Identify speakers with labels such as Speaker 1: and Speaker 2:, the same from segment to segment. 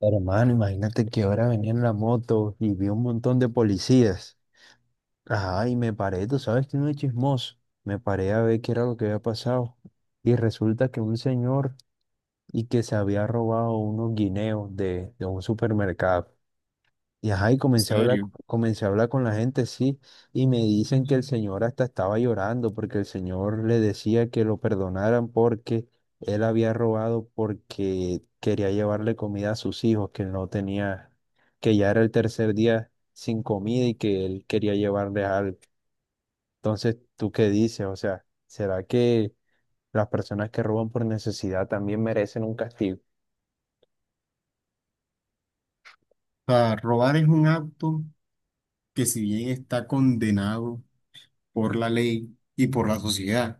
Speaker 1: Hermano, imagínate que ahora venía en la moto y vi un montón de policías. Ajá, y me paré, tú sabes que no es chismoso. Me paré a ver qué era lo que había pasado. Y resulta que un señor y que se había robado unos guineos de un supermercado. Y ajá, y
Speaker 2: En serio.
Speaker 1: comencé a hablar con la gente, sí, y me dicen que el señor hasta estaba llorando porque el señor le decía que lo perdonaran porque él había robado porque quería llevarle comida a sus hijos, que no tenía, que ya era el tercer día sin comida y que él quería llevarles algo. Entonces, ¿tú qué dices? O sea, ¿será que las personas que roban por necesidad también merecen un castigo?
Speaker 2: O sea, robar es un acto que si bien está condenado por la ley y por la sociedad,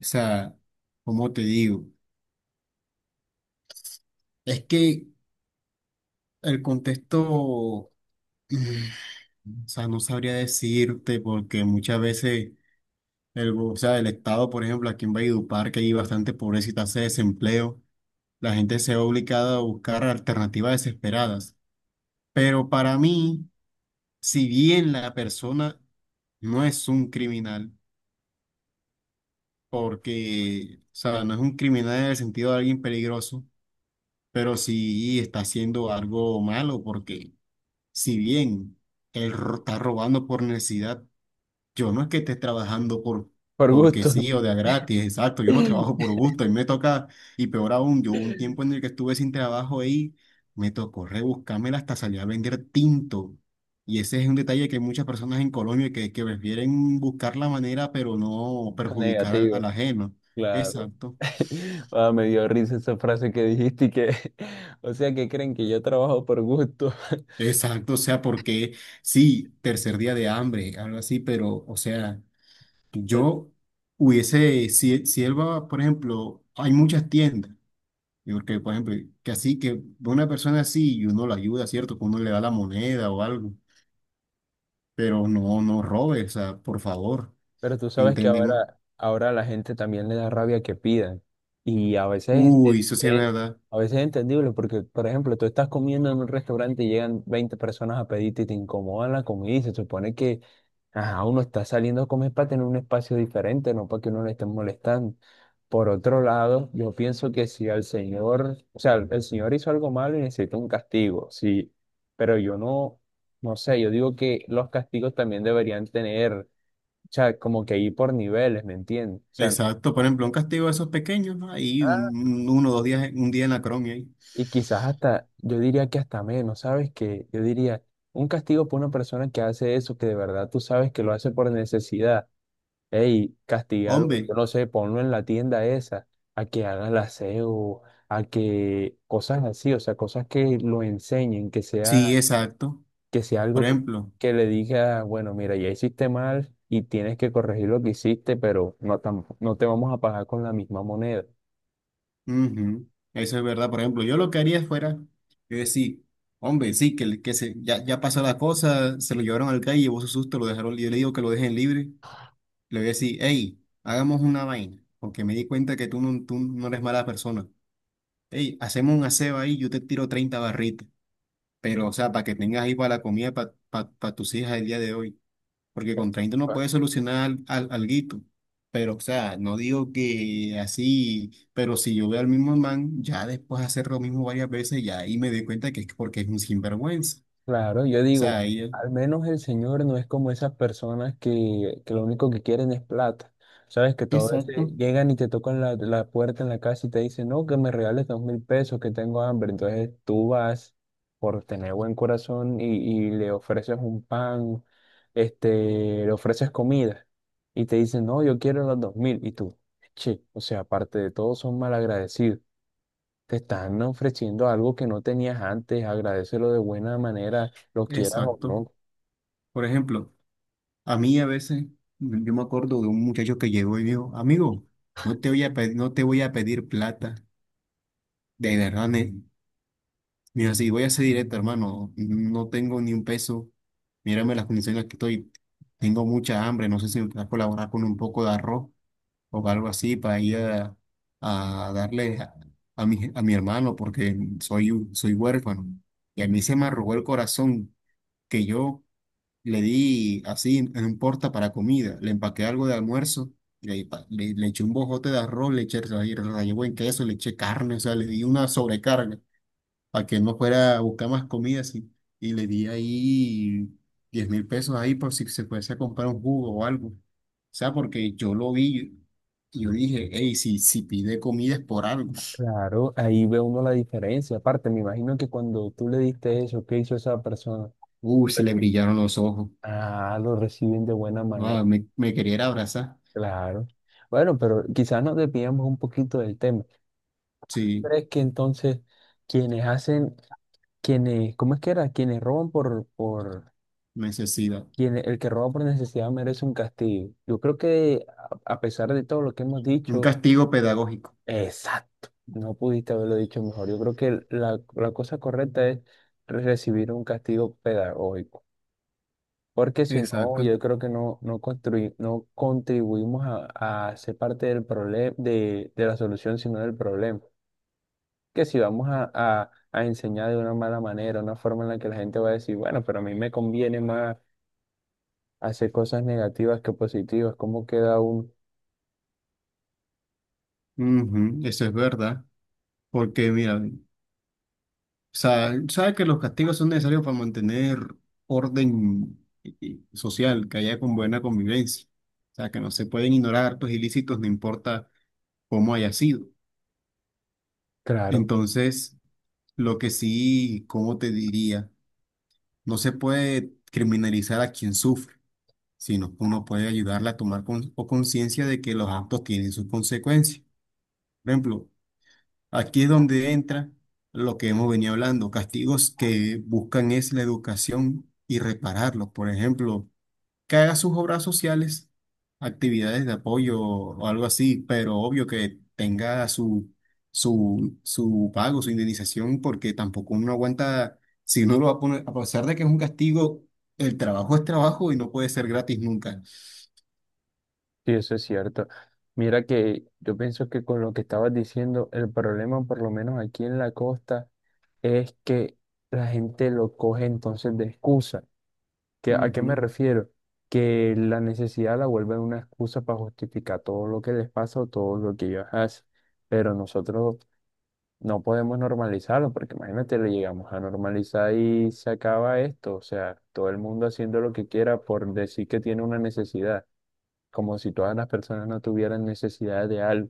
Speaker 2: o sea, como te digo? Es que el contexto, mm, o sea, no sabría decirte porque muchas veces o sea, el Estado, por ejemplo, aquí en Valledupar, que hay bastante pobreza y tasa de desempleo, la gente se ve obligada a buscar alternativas desesperadas. Pero para mí, si bien la persona no es un criminal, porque, o sea, no es un criminal en el sentido de alguien peligroso, pero sí está haciendo algo malo, porque si bien está robando por necesidad, yo no es que esté trabajando por,
Speaker 1: Por
Speaker 2: porque
Speaker 1: gusto,
Speaker 2: sí o de a gratis, exacto. Yo no trabajo por gusto y me toca, y peor aún, yo hubo un tiempo en el que estuve sin trabajo ahí, me tocó rebuscármela hasta salir a vender tinto. Y ese es un detalle que hay muchas personas en Colombia que prefieren buscar la manera, pero no perjudicar al, al
Speaker 1: negativo.
Speaker 2: ajeno.
Speaker 1: Claro.
Speaker 2: Exacto,
Speaker 1: Ah, me dio risa esa frase que dijiste y que, o sea, que creen que yo trabajo por gusto.
Speaker 2: exacto. O sea, porque sí, tercer día de hambre, algo así, pero, o sea,
Speaker 1: Eh,
Speaker 2: yo hubiese, si él va, por ejemplo, hay muchas tiendas. Y porque, por ejemplo, que así, que una persona así y uno la ayuda, ¿cierto? Que uno le da la moneda o algo, pero no, no robes, o sea, por favor,
Speaker 1: Pero tú sabes que
Speaker 2: entendemos.
Speaker 1: ahora, ahora a la gente también le da rabia que pidan. Y a veces,
Speaker 2: Uy, eso sí es verdad.
Speaker 1: a veces es entendible porque, por ejemplo, tú estás comiendo en un restaurante y llegan 20 personas a pedirte y te incomodan la comida y se supone que ajá, uno está saliendo a comer para tener un espacio diferente, no para que uno le esté molestando. Por otro lado, yo pienso que si al señor, o sea, el señor hizo algo malo y necesita un castigo, sí, pero yo no, no sé, yo digo que los castigos también deberían tener, o sea, como que ir por niveles, ¿me entiendes? O sea,
Speaker 2: Exacto, por
Speaker 1: no-
Speaker 2: ejemplo, un castigo de esos pequeños, ¿no? Ahí
Speaker 1: ah,
Speaker 2: uno o dos días, un día en la cron, ahí.
Speaker 1: y quizás hasta, yo diría que hasta menos, ¿sabes? Que yo diría, un castigo por una persona que hace eso, que de verdad tú sabes que lo hace por necesidad. Ey, castigarlo, yo
Speaker 2: Hombre,
Speaker 1: no sé, ponlo en la tienda esa, a que haga el aseo, a que cosas así, o sea, cosas que lo enseñen,
Speaker 2: sí, exacto.
Speaker 1: que sea
Speaker 2: Por
Speaker 1: algo
Speaker 2: ejemplo,
Speaker 1: que le diga, bueno, mira, ya hiciste mal y tienes que corregir lo que hiciste, pero no, no te vamos a pagar con la misma moneda.
Speaker 2: ujú. Eso es verdad. Por ejemplo, yo lo que haría fuera, yo decir, hombre, sí, que, ya pasó la cosa, se lo llevaron al calle, llevó su susto, lo dejaron, yo le digo que lo dejen libre. Le voy a decir, hey, hagamos una vaina, porque me di cuenta que tú no eres mala persona. Hey, hacemos un aseo ahí, yo te tiro 30 barritas, pero o sea, para que tengas ahí para la comida para tus hijas el día de hoy, porque con 30 no puedes solucionar alguito. Pero, o sea, no digo que así, pero si yo veo al mismo man, ya después de hacer lo mismo varias veces, ya ahí me doy cuenta que es porque es un sinvergüenza. O
Speaker 1: Claro, yo
Speaker 2: sea,
Speaker 1: digo,
Speaker 2: ahí...
Speaker 1: al menos el señor no es como esas personas que lo único que quieren es plata. Sabes que todas veces
Speaker 2: Exacto.
Speaker 1: llegan y te tocan la puerta en la casa y te dicen, no, que me regales 2000 pesos, que tengo hambre. Entonces tú vas por tener buen corazón y le ofreces un pan, este, le ofreces comida y te dicen, no, yo quiero los 2000. Y tú, che, o sea, aparte de todo, son malagradecidos. Te están ofreciendo algo que no tenías antes, agradécelo de buena manera, lo quieras o
Speaker 2: Exacto.
Speaker 1: no.
Speaker 2: Por ejemplo. A mí a veces yo me acuerdo de un muchacho que llegó y dijo, amigo, no te voy a pedir, no te voy a pedir plata. De verdad, mira, si voy a ser directo, hermano, no tengo ni un peso. Mírame las condiciones en las que estoy. Tengo mucha hambre, no sé si me puedes colaborar con un poco de arroz o algo así para ir a darle a, a mi hermano porque soy, soy huérfano. Y a mí se me arrugó el corazón que yo le di así en un porta para comida, le empaqué algo de almuerzo, le eché un bojote de arroz, rallé buen queso, le eché carne, o sea, le di una sobrecarga para que no fuera a buscar más comida así. Y le di ahí $10.000 ahí por si se fuese a comprar un jugo o algo. O sea, porque yo lo vi y yo dije, hey, si pide comida es por algo.
Speaker 1: Claro, ahí ve uno la diferencia. Aparte, me imagino que cuando tú le diste eso, ¿qué hizo esa persona?
Speaker 2: Uy, se le brillaron los ojos.
Speaker 1: Ah, lo reciben de buena manera.
Speaker 2: No, me quería era abrazar.
Speaker 1: Claro. Bueno, pero quizás nos desviamos un poquito del tema.
Speaker 2: Sí,
Speaker 1: ¿Crees que entonces quienes hacen, quienes, ¿cómo es que era? Quienes roban por,
Speaker 2: necesidad.
Speaker 1: quienes el que roba por necesidad merece un castigo? Yo creo que a pesar de todo lo que hemos
Speaker 2: Un
Speaker 1: dicho,
Speaker 2: castigo pedagógico.
Speaker 1: exacto, no pudiste haberlo dicho mejor. Yo creo que la cosa correcta es recibir un castigo pedagógico, porque si no, yo
Speaker 2: Exacto.
Speaker 1: creo que no, no, no contribuimos a ser parte del problema, de la solución, sino del problema. Que si vamos a enseñar de una mala manera, una forma en la que la gente va a decir, bueno, pero a mí me conviene más hacer cosas negativas que positivas, ¿cómo queda un...
Speaker 2: Ujú. Eso es verdad. Porque, mira, o sea, sabe que los castigos son necesarios para mantener y social, que haya con buena convivencia. O sea, que no se pueden ignorar actos ilícitos, no importa cómo haya sido.
Speaker 1: Claro.
Speaker 2: Entonces, lo que sí, ¿cómo te diría? No se puede criminalizar a quien sufre, sino que uno puede ayudarle a tomar con- o conciencia de que los actos tienen sus consecuencias. Por ejemplo, aquí es donde entra lo que hemos venido hablando, castigos que buscan es la educación y repararlos. Por ejemplo, que haga sus obras sociales, actividades de apoyo o algo así, pero obvio que tenga su pago, su indemnización, porque tampoco uno aguanta, si uno lo va a poner, a pesar de que es un castigo, el trabajo es trabajo y no puede ser gratis nunca.
Speaker 1: Sí, eso es cierto. Mira que yo pienso que con lo que estabas diciendo, el problema, por lo menos aquí en la costa, es que la gente lo coge entonces de excusa. ¿A qué me
Speaker 2: Ujú,
Speaker 1: refiero? Que la necesidad la vuelven una excusa para justificar todo lo que les pasa o todo lo que ellos hacen. Pero nosotros no podemos normalizarlo, porque imagínate, le llegamos a normalizar y se acaba esto. O sea, todo el mundo haciendo lo que quiera por decir que tiene una necesidad como si todas las personas no tuvieran necesidad de algo.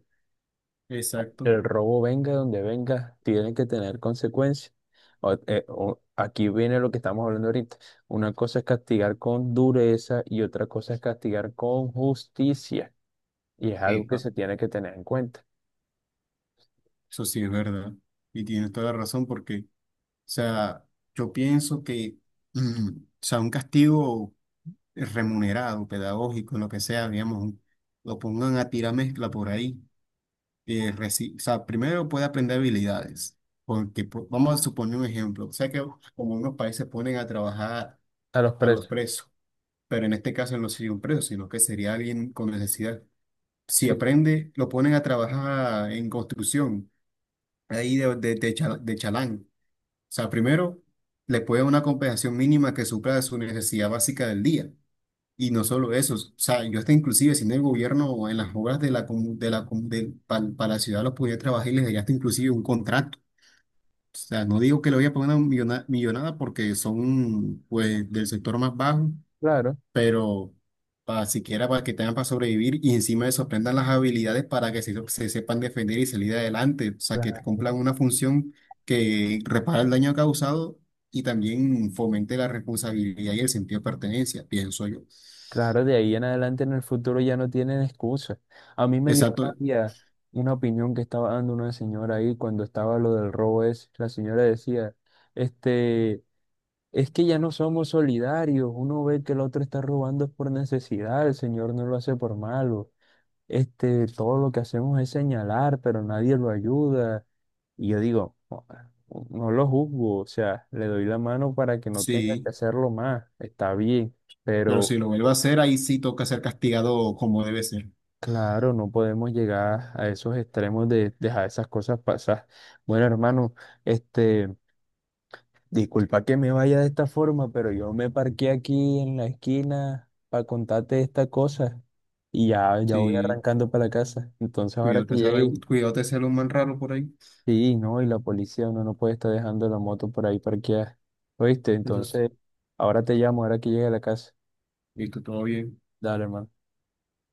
Speaker 2: exacto.
Speaker 1: El robo venga donde venga, tiene que tener consecuencias. Aquí viene lo que estamos hablando ahorita. Una cosa es castigar con dureza y otra cosa es castigar con justicia. Y es algo que
Speaker 2: Epa.
Speaker 1: se tiene que tener en cuenta.
Speaker 2: Eso sí es verdad. Y tienes toda la razón porque... O sea, yo pienso que, o sea, un castigo remunerado, pedagógico, lo que sea, digamos, lo pongan a tirar mezcla por ahí. O sea, primero puede aprender habilidades, porque vamos a suponer un ejemplo. O sea, que como unos países ponen a trabajar
Speaker 1: A los
Speaker 2: a los
Speaker 1: presos.
Speaker 2: presos, pero en este caso no sería un preso, sino que sería alguien con necesidad. Si
Speaker 1: Sí,
Speaker 2: aprende, lo ponen a trabajar en construcción, ahí de chalán sea, primero, le puede dar una compensación mínima que supla su necesidad básica del día. Y no solo eso, o sea, yo hasta inclusive si en el gobierno o en las obras de la, comu- de la, comu- de- pa- para la ciudad los pudiera trabajar y les daría hasta inclusive un contrato. O sea, no digo que le voy a poner una millonada porque son, pues, del sector más bajo,
Speaker 1: claro.
Speaker 2: pero para siquiera para que tengan para sobrevivir y encima de eso aprendan las habilidades para que se sepan defender y salir adelante, o sea, que
Speaker 1: Claro.
Speaker 2: cumplan una función que repara el daño causado y también fomente la responsabilidad y el sentido de pertenencia, pienso yo.
Speaker 1: Claro, de ahí en adelante en el futuro ya no tienen excusa. A mí me dio
Speaker 2: Exacto,
Speaker 1: rabia una opinión que estaba dando una señora ahí cuando estaba lo del robo ese. La señora decía, este, es que ya no somos solidarios. Uno ve que el otro está robando es por necesidad, el señor no lo hace por malo. Este, todo lo que hacemos es señalar, pero nadie lo ayuda. Y yo digo, no, no lo juzgo, o sea, le doy la mano para que no tenga que
Speaker 2: sí,
Speaker 1: hacerlo más. Está bien,
Speaker 2: pero si
Speaker 1: pero
Speaker 2: lo vuelvo a hacer, ahí sí toca ser castigado como debe ser.
Speaker 1: claro, no podemos llegar a esos extremos de dejar esas cosas pasar. Bueno, hermano, este, disculpa que me vaya de esta forma, pero yo me parqué aquí en la esquina para contarte esta cosa y ya, ya voy
Speaker 2: Sí,
Speaker 1: arrancando para la casa. Entonces, ahora que
Speaker 2: cuídate, ser,
Speaker 1: llegue,
Speaker 2: cuídate, ser un man raro por ahí.
Speaker 1: sí, no, y la policía, uno no puede estar dejando la moto por ahí parqueada. ¿Oíste?
Speaker 2: Eso sí,
Speaker 1: Entonces, ahora te llamo, ahora que llegue a la casa.
Speaker 2: listo, todo bien.
Speaker 1: Dale, hermano.